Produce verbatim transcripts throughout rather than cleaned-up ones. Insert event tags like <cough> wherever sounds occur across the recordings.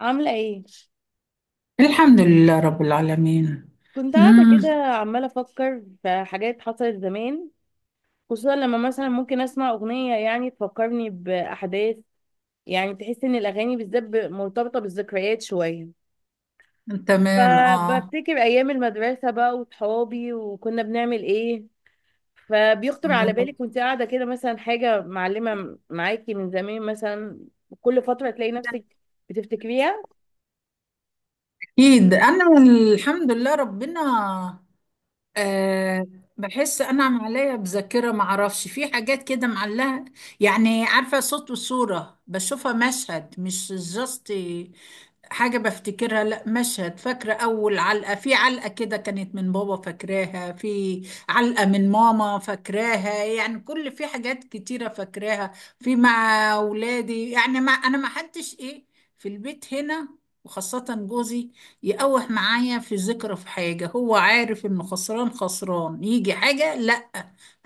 عاملة ايه؟ الحمد لله رب العالمين. كنت قاعدة امم. كده عمالة أفكر في حاجات حصلت زمان. خصوصا لما مثلا ممكن أسمع أغنية، يعني تفكرني بأحداث، يعني تحس إن الأغاني بالذات ب- مرتبطة بالذكريات شوية. تمام، اه. فبفتكر أيام المدرسة بقى وصحابي وكنا بنعمل ايه، <laughs> فبيخطر على أمم، بالك وانت قاعدة كده مثلا حاجة معلمة معاكي من زمان مثلا. كل فترة تلاقي نفسك بتفتكريها. اكيد انا. الحمد لله ربنا. أه. بحس انا معلقه بذاكره، ما اعرفش، في حاجات كده معلقه. يعني عارفه صوت وصوره بشوفها، مشهد مش جاست حاجه بفتكرها. لا مشهد، فاكره اول علقه. في علقه كده كانت من بابا فاكراها. في علقه من ماما فاكراها. يعني كل في حاجات كتيره فاكراها. في مع اولادي يعني، ما انا ما حدش ايه، في البيت هنا، وخاصه جوزي. يقوح معايا في ذكرى في حاجة، هو عارف انه خسران خسران يجي حاجة. لا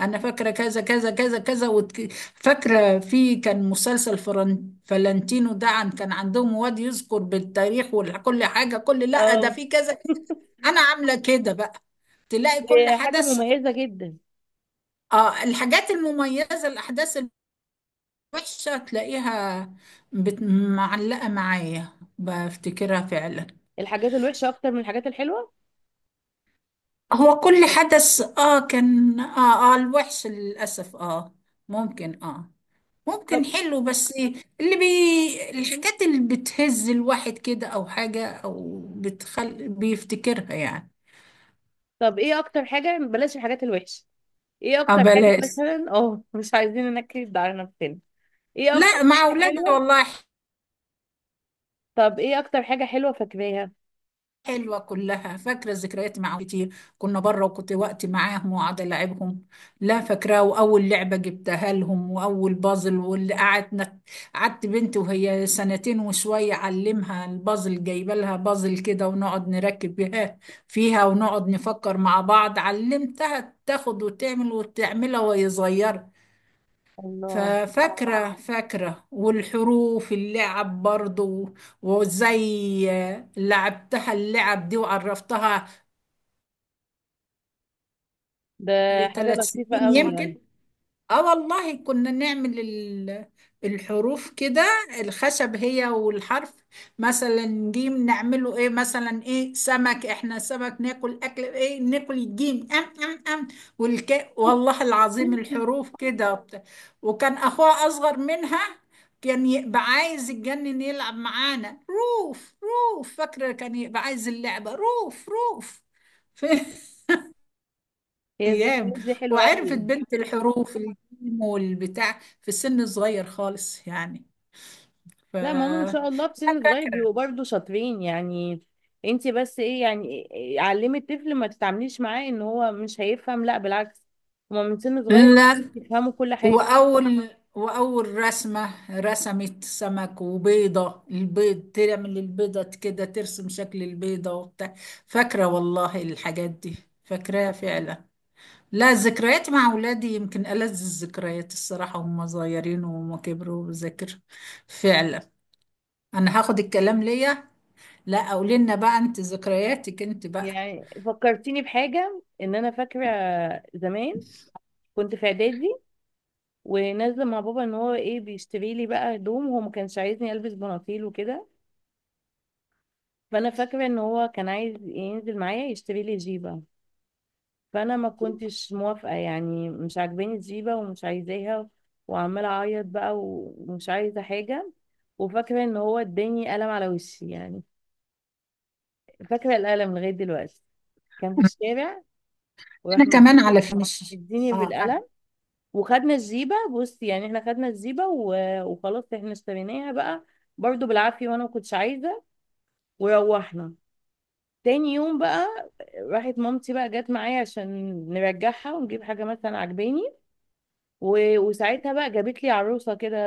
انا فاكرة كذا كذا كذا كذا، وتك... فاكرة. في كان مسلسل فرن... فلانتينو ده، عن كان عندهم واد يذكر بالتاريخ وكل حاجة كل، لا ده اه، في كذا. انا عاملة كده بقى، تلاقي كل دي حاجة حدث مميزة جدا. اه. الحاجات المميزة الاحداث الوحشة تلاقيها، بت... معلقة معايا، بفتكرها فعلا. الحاجات الوحشة أكتر من الحاجات الحلوة. هو كل حدث اه كان، اه اه الوحش للأسف، اه ممكن اه ممكن طب حلو، بس اللي بي الحاجات اللي بتهز الواحد كده، او حاجة او بتخل بيفتكرها يعني. طب ايه اكتر حاجة، بلاش الحاجات الوحشة. ايه اه اكتر حاجة بلاش. مثلا <laughs> اه، مش عايزين ننكد على نفسنا. ايه اكتر لا، مع حاجة اولادي حلوة؟ والله. طب ايه اكتر حاجة حلوة فاكراها؟ حلوة كلها، فاكرة الذكريات معاهم كتير. كنا بره، وكنت وقت معاهم وقعد ألعبهم. لا فاكراه، وأول لعبة جبتها لهم وأول بازل واللي قعدنا. قعدت بنتي وهي سنتين وشوية أعلمها البازل، جايبة لها بازل كده ونقعد نركب بها فيها ونقعد نفكر مع بعض. علمتها تاخد وتعمل وتعملها وهي صغيرة. الله، ففاكرة فاكرة، والحروف اللعب برضو، وازاي لعبتها اللعب دي وعرفتها ده حاجة لثلاث لطيفة سنين قوي يعني. يمكن. اه والله كنا نعمل ال- الحروف كده، الخشب هي والحرف. مثلا جيم نعمله ايه، مثلا ايه سمك، احنا سمك ناكل، اكل ايه ناكل، الجيم ام ام ام والك والله العظيم الحروف <laughs> كده وبت- وكان اخوها اصغر منها، كان يبقى عايز يتجنن يلعب معانا. روف روف، فاكرة كان يبقى عايز اللعبة روف روف. <laughs> هي ايام. الذكريات دي حلوة وعرفت قوي. بنت الحروف الجيم والبتاع في السن صغير خالص يعني. ف لا، ما هم ما شاء الله في سن صغير بيبقوا برضه شاطرين يعني. انت بس ايه يعني. إيه- علمي الطفل، ما تتعامليش معاه ان هو مش هيفهم، لا بالعكس، هما من سن صغير لا. يفهموا كل حاجة. واول واول رسمه رسمت سمك وبيضه، البيض تعمل البيضه كده، ترسم شكل البيضه وبتاع. فاكره والله الحاجات دي، فاكراها فعلا. لا، ذكريات مع اولادي يمكن ألذ الذكريات الصراحه، هم صغيرين وهم كبروا بذاكر فعلا. انا هاخد الكلام ليا. لا، قولي لنا بقى، انت ذكرياتك انت بقى. يعني فكرتيني بحاجة، ان انا فاكرة زمان كنت في اعدادي ونازلة مع بابا ان هو ايه، بيشتري لي بقى هدوم. هو ما كانش عايزني البس بناطيل وكده، فانا فاكرة ان هو كان عايز ينزل معايا يشتري لي جيبة. فانا ما كنتش موافقة، يعني مش عاجباني الجيبة ومش عايزاها، وعمالة اعيط بقى ومش عايزة حاجة. وفاكرة ان هو اداني قلم على وشي يعني. فاكرة القلم لغاية دلوقتي. كان في الشارع وراح انا كمان على فكره مش. مديني اه أنا بالقلم. وخدنا الجيبة، بص يعني احنا خدنا الجيبة و- وخلاص احنا اشتريناها بقى برضو بالعافية، وانا ما كنتش عايزة. وروحنا تاني يوم بقى، راحت مامتي بقى، جت معايا عشان نرجعها ونجيب حاجة مثلا عجباني. و- وساعتها بقى جابت لي عروسة كده.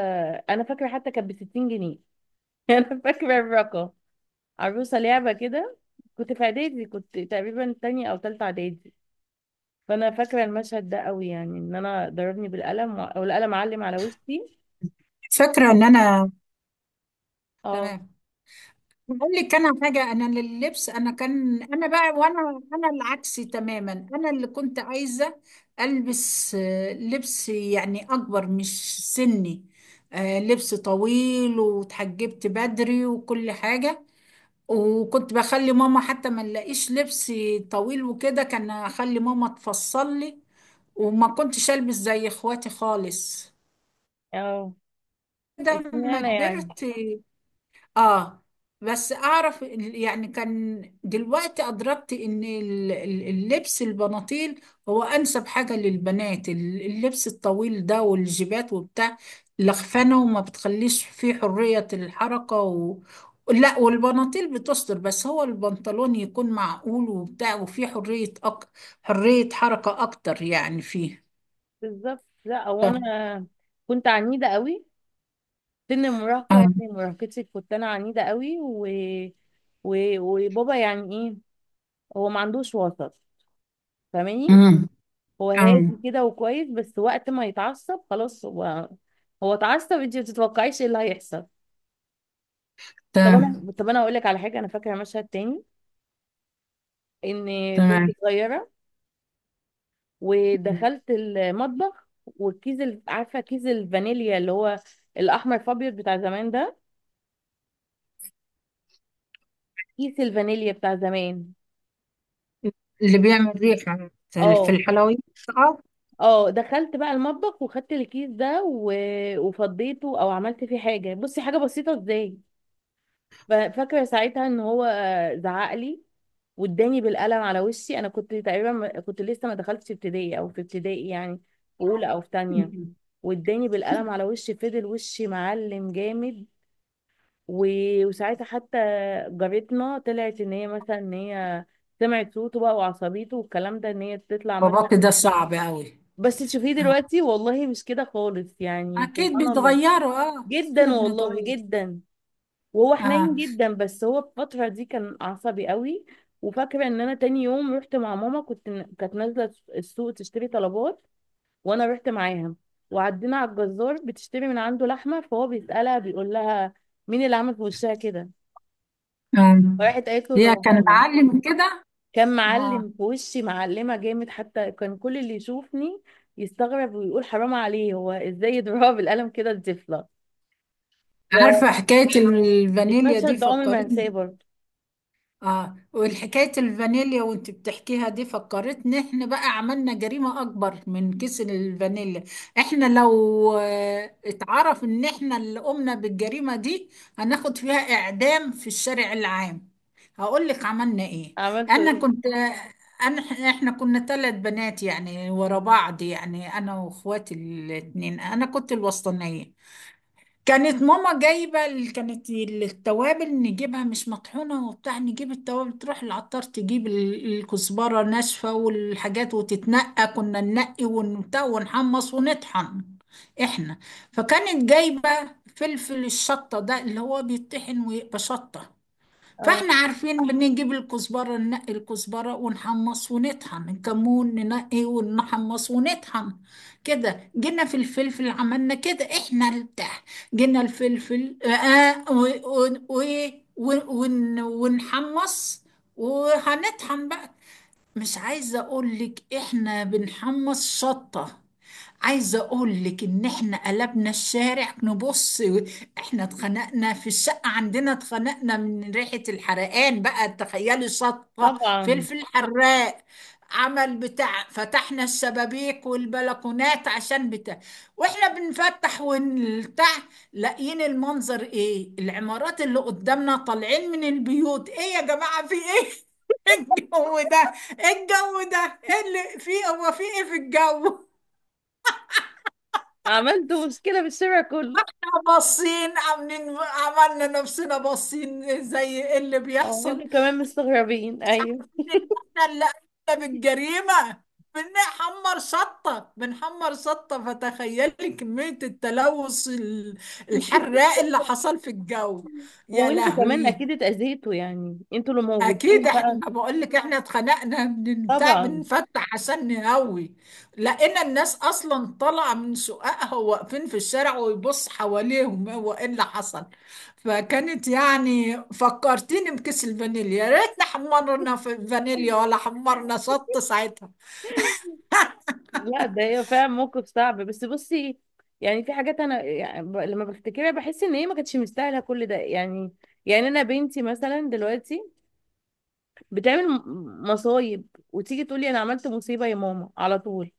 انا فاكرة حتى كانت ب ستين جنيه. <laughs> انا فاكرة الرقم. عروسة لعبة كده. كنت في اعدادي، كنت تقريبا تانية او تالتة اعدادي. فانا فاكرة المشهد ده قوي يعني، ان انا ضربني بالقلم و- والقلم علم على وشي. فاكره ان انا. اه. تمام. بقول لك انا حاجه، انا لللبس، انا كان انا بقى، وانا انا العكس تماما. انا اللي كنت عايزه البس، آه، لبس يعني اكبر مش سني. آه، لبس طويل، وتحجبت بدري وكل حاجه. وكنت بخلي ماما حتى ما نلاقيش لبسي طويل وكده، كان اخلي ماما تفصل لي. وما كنتش البس زي اخواتي خالص اه. لما اشمعنى يعني؟ كبرت. اه بس اعرف ال- يعني كان دلوقتي ادركت ان ال- ال- اللبس البناطيل هو انسب حاجة للبنات. ال- اللبس الطويل ده والجيبات وبتاع لخفانة، وما بتخليش فيه حرية الحركة و... لا والبناطيل بتستر، بس هو البنطلون يكون معقول وبتاع وفيه حرية أك... حرية حركة اكتر يعني فيه. بالظبط. لا هو ده. انا كنت عنيده قوي. سن المراهقه يعني، مراهقتي كنت انا عنيده قوي و... و... وبابا يعني ايه، هو ما عندوش وسط، فاهماني. آه. هو هادي أم. كده وكويس، بس وقت ما يتعصب خلاص، هو هو اتعصب انت ما تتوقعيش ايه اللي هيحصل. طب انا، تمام. طب انا اقول لك على حاجه انا فاكره، مشهد تاني ان كنت تمام. صغيره ودخلت المطبخ، والكيس ال- عارفه كيس الفانيليا اللي هو الاحمر فابيض بتاع زمان ده، كيس الفانيليا بتاع زمان. اللي بيعمل ريحة في في اه. الحلويات. اه. اه، دخلت بقى المطبخ وخدت الكيس ده و... وفضيته او عملت فيه حاجه، بصي حاجه بسيطه ازاي. ف- فاكره ساعتها ان هو زعق لي واداني بالقلم على وشي. انا كنت تقريبا ما- كنت لسه ما دخلتش ابتدائي او في ابتدائي يعني، في اولى او في تانية. أمم. واداني بالقلم على وشي، فضل وشي معلم جامد. و- وساعتها حتى جارتنا طلعت، ان هي مثلا ان هي سمعت صوته بقى وعصبيته والكلام ده، ان هي تطلع مثلا. باباكي ده صعب أوي. بس تشوفيه آه. دلوقتي والله مش كده خالص يعني، أكيد سبحان الله. بيتغيروا، اه احنا جدا والله، بنتغير. جدا. وهو حنين اه. جدا، بس هو في الفترة دي كان عصبي قوي. وفاكرة ان انا تاني يوم رحت مع ماما، كنت كانت نازلة السوق تشتري طلبات، وانا رحت معاها. وعدينا على الجزار بتشتري من عنده لحمة، فهو بيسألها بيقول لها مين اللي عمل في وشها كده. أم. راحت قالت له ده هي كان باباها. معلم كده. كان اه. معلم في وشي، معلمة جامد، حتى كان كل اللي يشوفني يستغرب ويقول حرام عليه، هو ازاي يضربها بالقلم كده الطفلة. عارفة حكاية الفانيليا دي فالمشهد ده عمري ما هنساه فكرتني. برضه. اه، والحكاية الفانيليا وانت بتحكيها دي فكرتني، احنا بقى عملنا جريمة اكبر من كيس الفانيليا. احنا لو، آه، اتعرف ان احنا اللي قمنا بالجريمة دي هناخد فيها اعدام في الشارع العام. هقول لك عملنا ايه. عملته انا ايه؟ كنت، انا، احنا كنا ثلاث بنات يعني ورا بعض، يعني انا واخواتي الاثنين، انا كنت الوسطانية. كانت ماما جايبة ال- كانت ال- التوابل نجيبها مش مطحونة وبتاع، نجيب التوابل، تروح العطار تجيب ال- الكزبرة ناشفة والحاجات، وتتنقى، كنا ننقي ونبتاع ونحمص ونطحن احنا. فكانت جايبة فلفل الشطة ده اللي هو بيطحن ويبقى شطة. اه فاحنا عارفين بنجيب الكزبرة ننقي الكزبرة ونحمص ونطحن، الكمون ننقي ونحمص ونطحن كده. جينا في الفلفل عملنا كده احنا البتاع، جينا الفلفل، آه آه، و و و ون- ونحمص، وهنطحن بقى. مش عايزة اقولك احنا بنحمص شطة. عايزة اقول لك ان احنا قلبنا الشارع نبص. احنا اتخنقنا في الشقة عندنا، اتخنقنا من ريحة الحرقان بقى، تخيلي شطة طبعا، فلفل حراق عمل بتاع، فتحنا الشبابيك والبلكونات عشان بتاع. واحنا بنفتح ونفتح لاقيين المنظر، ايه العمارات اللي قدامنا طالعين من البيوت، ايه يا جماعة في ايه؟ <laughs> الجو ده الجو ده ايه اللي في، هو في ايه في الجو؟ عملته مشكلة بالشارع كله. باصين عاملين، عملنا نفسنا باصين زي ايه اللي اه، بيحصل، انتوا كمان مستغربين، مش ايوه. عارفين ان احنا اللي قمنا بالجريمة. بنحمر شطة بنحمر شطة، فتخيلي كمية التلوث ال- الحراق اللي حصل في الجو. يا وانتوا كمان لهوي. اكيد اتأذيتوا يعني، انتوا اللي اكيد موجودين احنا، بقى. ما بقول لك احنا اتخنقنا من بتاع طبعا. بنفتح عشان نهوي. لقينا الناس اصلا طالعه من سوقها واقفين في الشارع، ويبص حواليهم هو ايه اللي حصل. فكانت يعني فكرتيني بكيس الفانيليا، يا ريتنا حمرنا في الفانيليا ولا حمرنا شط ساعتها. لا ده هي فعلا موقف صعب، بس بصي، يعني في حاجات انا يعني ب- لما بفتكرها بحس ان هي ما كانتش مستاهله كل ده يعني. يعني انا بنتي مثلا دلوقتي بتعمل م- مصايب، وتيجي تقولي انا عملت مصيبه يا ماما على طول.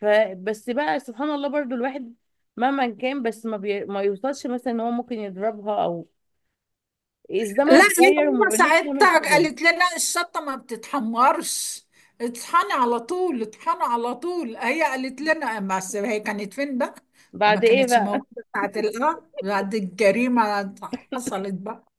فبس بقى سبحان الله، برضو الواحد مهما كان بس ما, بي... ما يوصلش مثلا ان هو ممكن يضربها، او الزمن لا هي اتغير وما ماما بقيناش نعمل ساعتها كده. قالت لنا الشطه ما بتتحمرش، اطحني على طول اطحني على طول، هي قالت لنا، بس هي كانت فين بقى؟ ما بعد ايه كانتش بقى. موجوده ساعه الغد، بعد الجريمه حصلت بقى.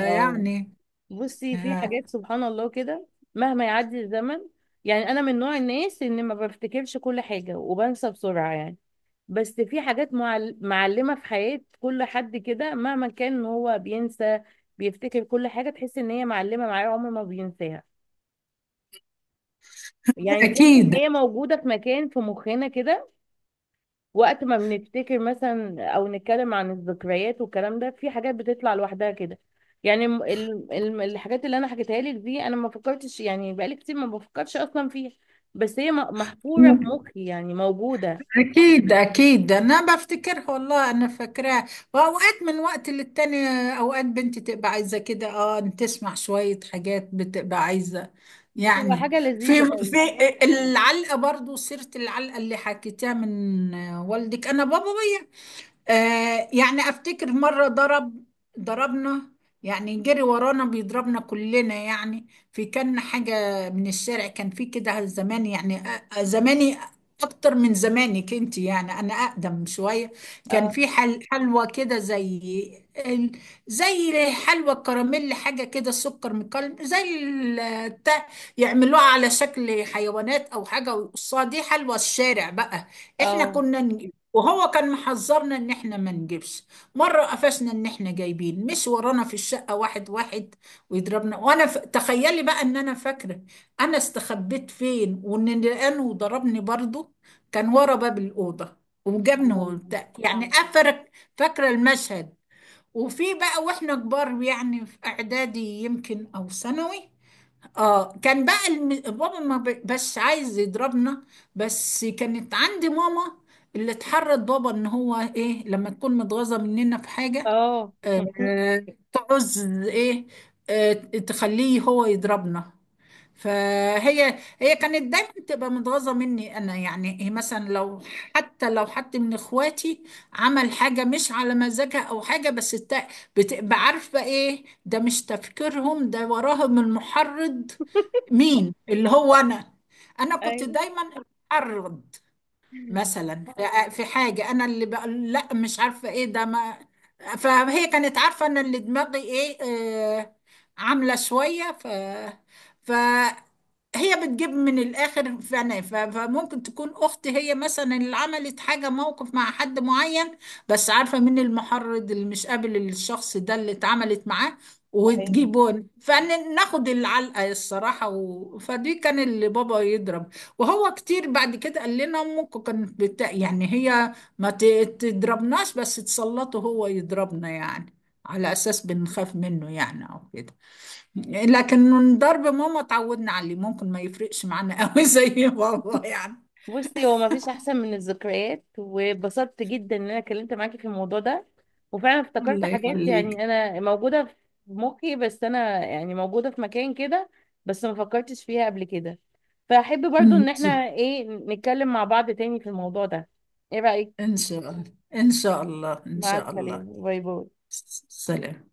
اه، بصي في آه، حاجات سبحان الله كده، مهما يعدي الزمن. يعني انا من نوع الناس ان ما بفتكرش كل حاجه وبنسى بسرعه يعني، بس في حاجات معل... معلمه في حياه كل حد كده، مهما كان هو بينسى، بيفتكر كل حاجه، تحس ان هي معلمه معاه عمر ما بينساها، يعني تحس ان اكيد. هي موجوده في مكان في مخنا كده. وقت ما بنفتكر مثلا او نتكلم عن الذكريات والكلام ده، في حاجات بتطلع لوحدها كده، يعني الم- ال- الم- الحاجات اللي انا حكيتها لك دي انا ما فكرتش يعني، بقالي كتير ما بفكرش اصلا فيها، بس هي م- محفورة في مخي يعني، موجودة. أكيد أكيد أنا بفتكرها والله، أنا فاكراها. وأوقات من وقت للتاني، أوقات بنتي تبقى عايزة كده أه، إن تسمع شوية حاجات بتبقى عايزة بتبقى يعني. حاجة في لذيذة أوي. في العلقة برضو، سيرة العلقة اللي حكيتها من والدك، أنا بابا، آه، يعني افتكر مرة ضرب ضربنا، يعني جري ورانا بيضربنا كلنا يعني. في كان حاجة من الشارع كان في كده زمان، يعني أ- زماني اكتر من زمانك انت يعني، انا اقدم شوية. كان اه. في حل حلوى كده زي ال- زي حلوى كراميل حاجة كده سكر مكلم زي ال- تا- يعملوها على شكل حيوانات او حاجة ويقصوها، دي حلوى الشارع بقى. احنا اه، كنا، وهو كان محذرنا ان احنا ما نجيبش. مره قفشنا ان احنا جايبين، مش ورانا في الشقه واحد واحد ويضربنا. وانا ف... تخيلي بقى ان انا فاكره انا استخبيت فين، وان لقانه وضربني برضه، كان ورا باب الاوضه، سبحان وجابني الله. وبتاع يعني طبعا افرك. فاكره المشهد. وفي بقى واحنا كبار يعني في اعدادي يمكن او ثانوي، اه كان بقى الم... بابا ما ب... بس عايز يضربنا، بس كانت عندي ماما اللي اتحرض بابا ان هو ايه، لما تكون متغاظه مننا في حاجه، اه <laughs> آه، تعوز ايه، آه، تخليه هو يضربنا. فهي هي كانت دايما بتبقى متغاظه مني انا يعني. هي مثلا لو حتى لو حد من اخواتي عمل حاجه مش على مزاجها او حاجه بس الت- بتبقى عارفه ايه ده، مش تفكيرهم ده وراهم المحرض. مين اللي هو انا، انا كنت دايما المحرض. مثلا في حاجة أنا اللي بقول لا مش عارفة إيه ده ما، فهي كانت عارفة أنا اللي دماغي إيه. آه، عاملة شوية ف. فهي بتجيب من الآخر، فأنا ف- فممكن تكون أختي هي مثلا اللي عملت حاجة موقف مع حد معين، بس عارفة مين المحرض اللي مش قابل الشخص ده اللي اتعملت معاه، ايوه. وتجيبون فناخد العلقة الصراحة و... فدي كان اللي بابا يضرب. وهو كتير بعد كده قال لنا امك كانت بتا... يعني هي ما ت- تضربناش بس تسلطه هو يضربنا يعني، على اساس بنخاف منه يعني او كده. لكن ضرب ماما اتعودنا عليه، ممكن ما يفرقش معانا قوي <laughs> زي بابا يعني. بصي هو مفيش احسن من الذكريات، واتبسطت جدا ان انا اتكلمت معاكي في الموضوع ده، وفعلا افتكرت الله حاجات يخليك. يعني انا موجوده في مخي، بس انا يعني موجوده في مكان كده، بس ما فكرتش فيها قبل كده. فاحب برضو ان ان شاء. احنا ايه نتكلم مع بعض تاني في الموضوع ده. ايه رايك؟ إن شاء الله. ان شاء الله ان مع شاء الله. السلامه، باي باي. سلام.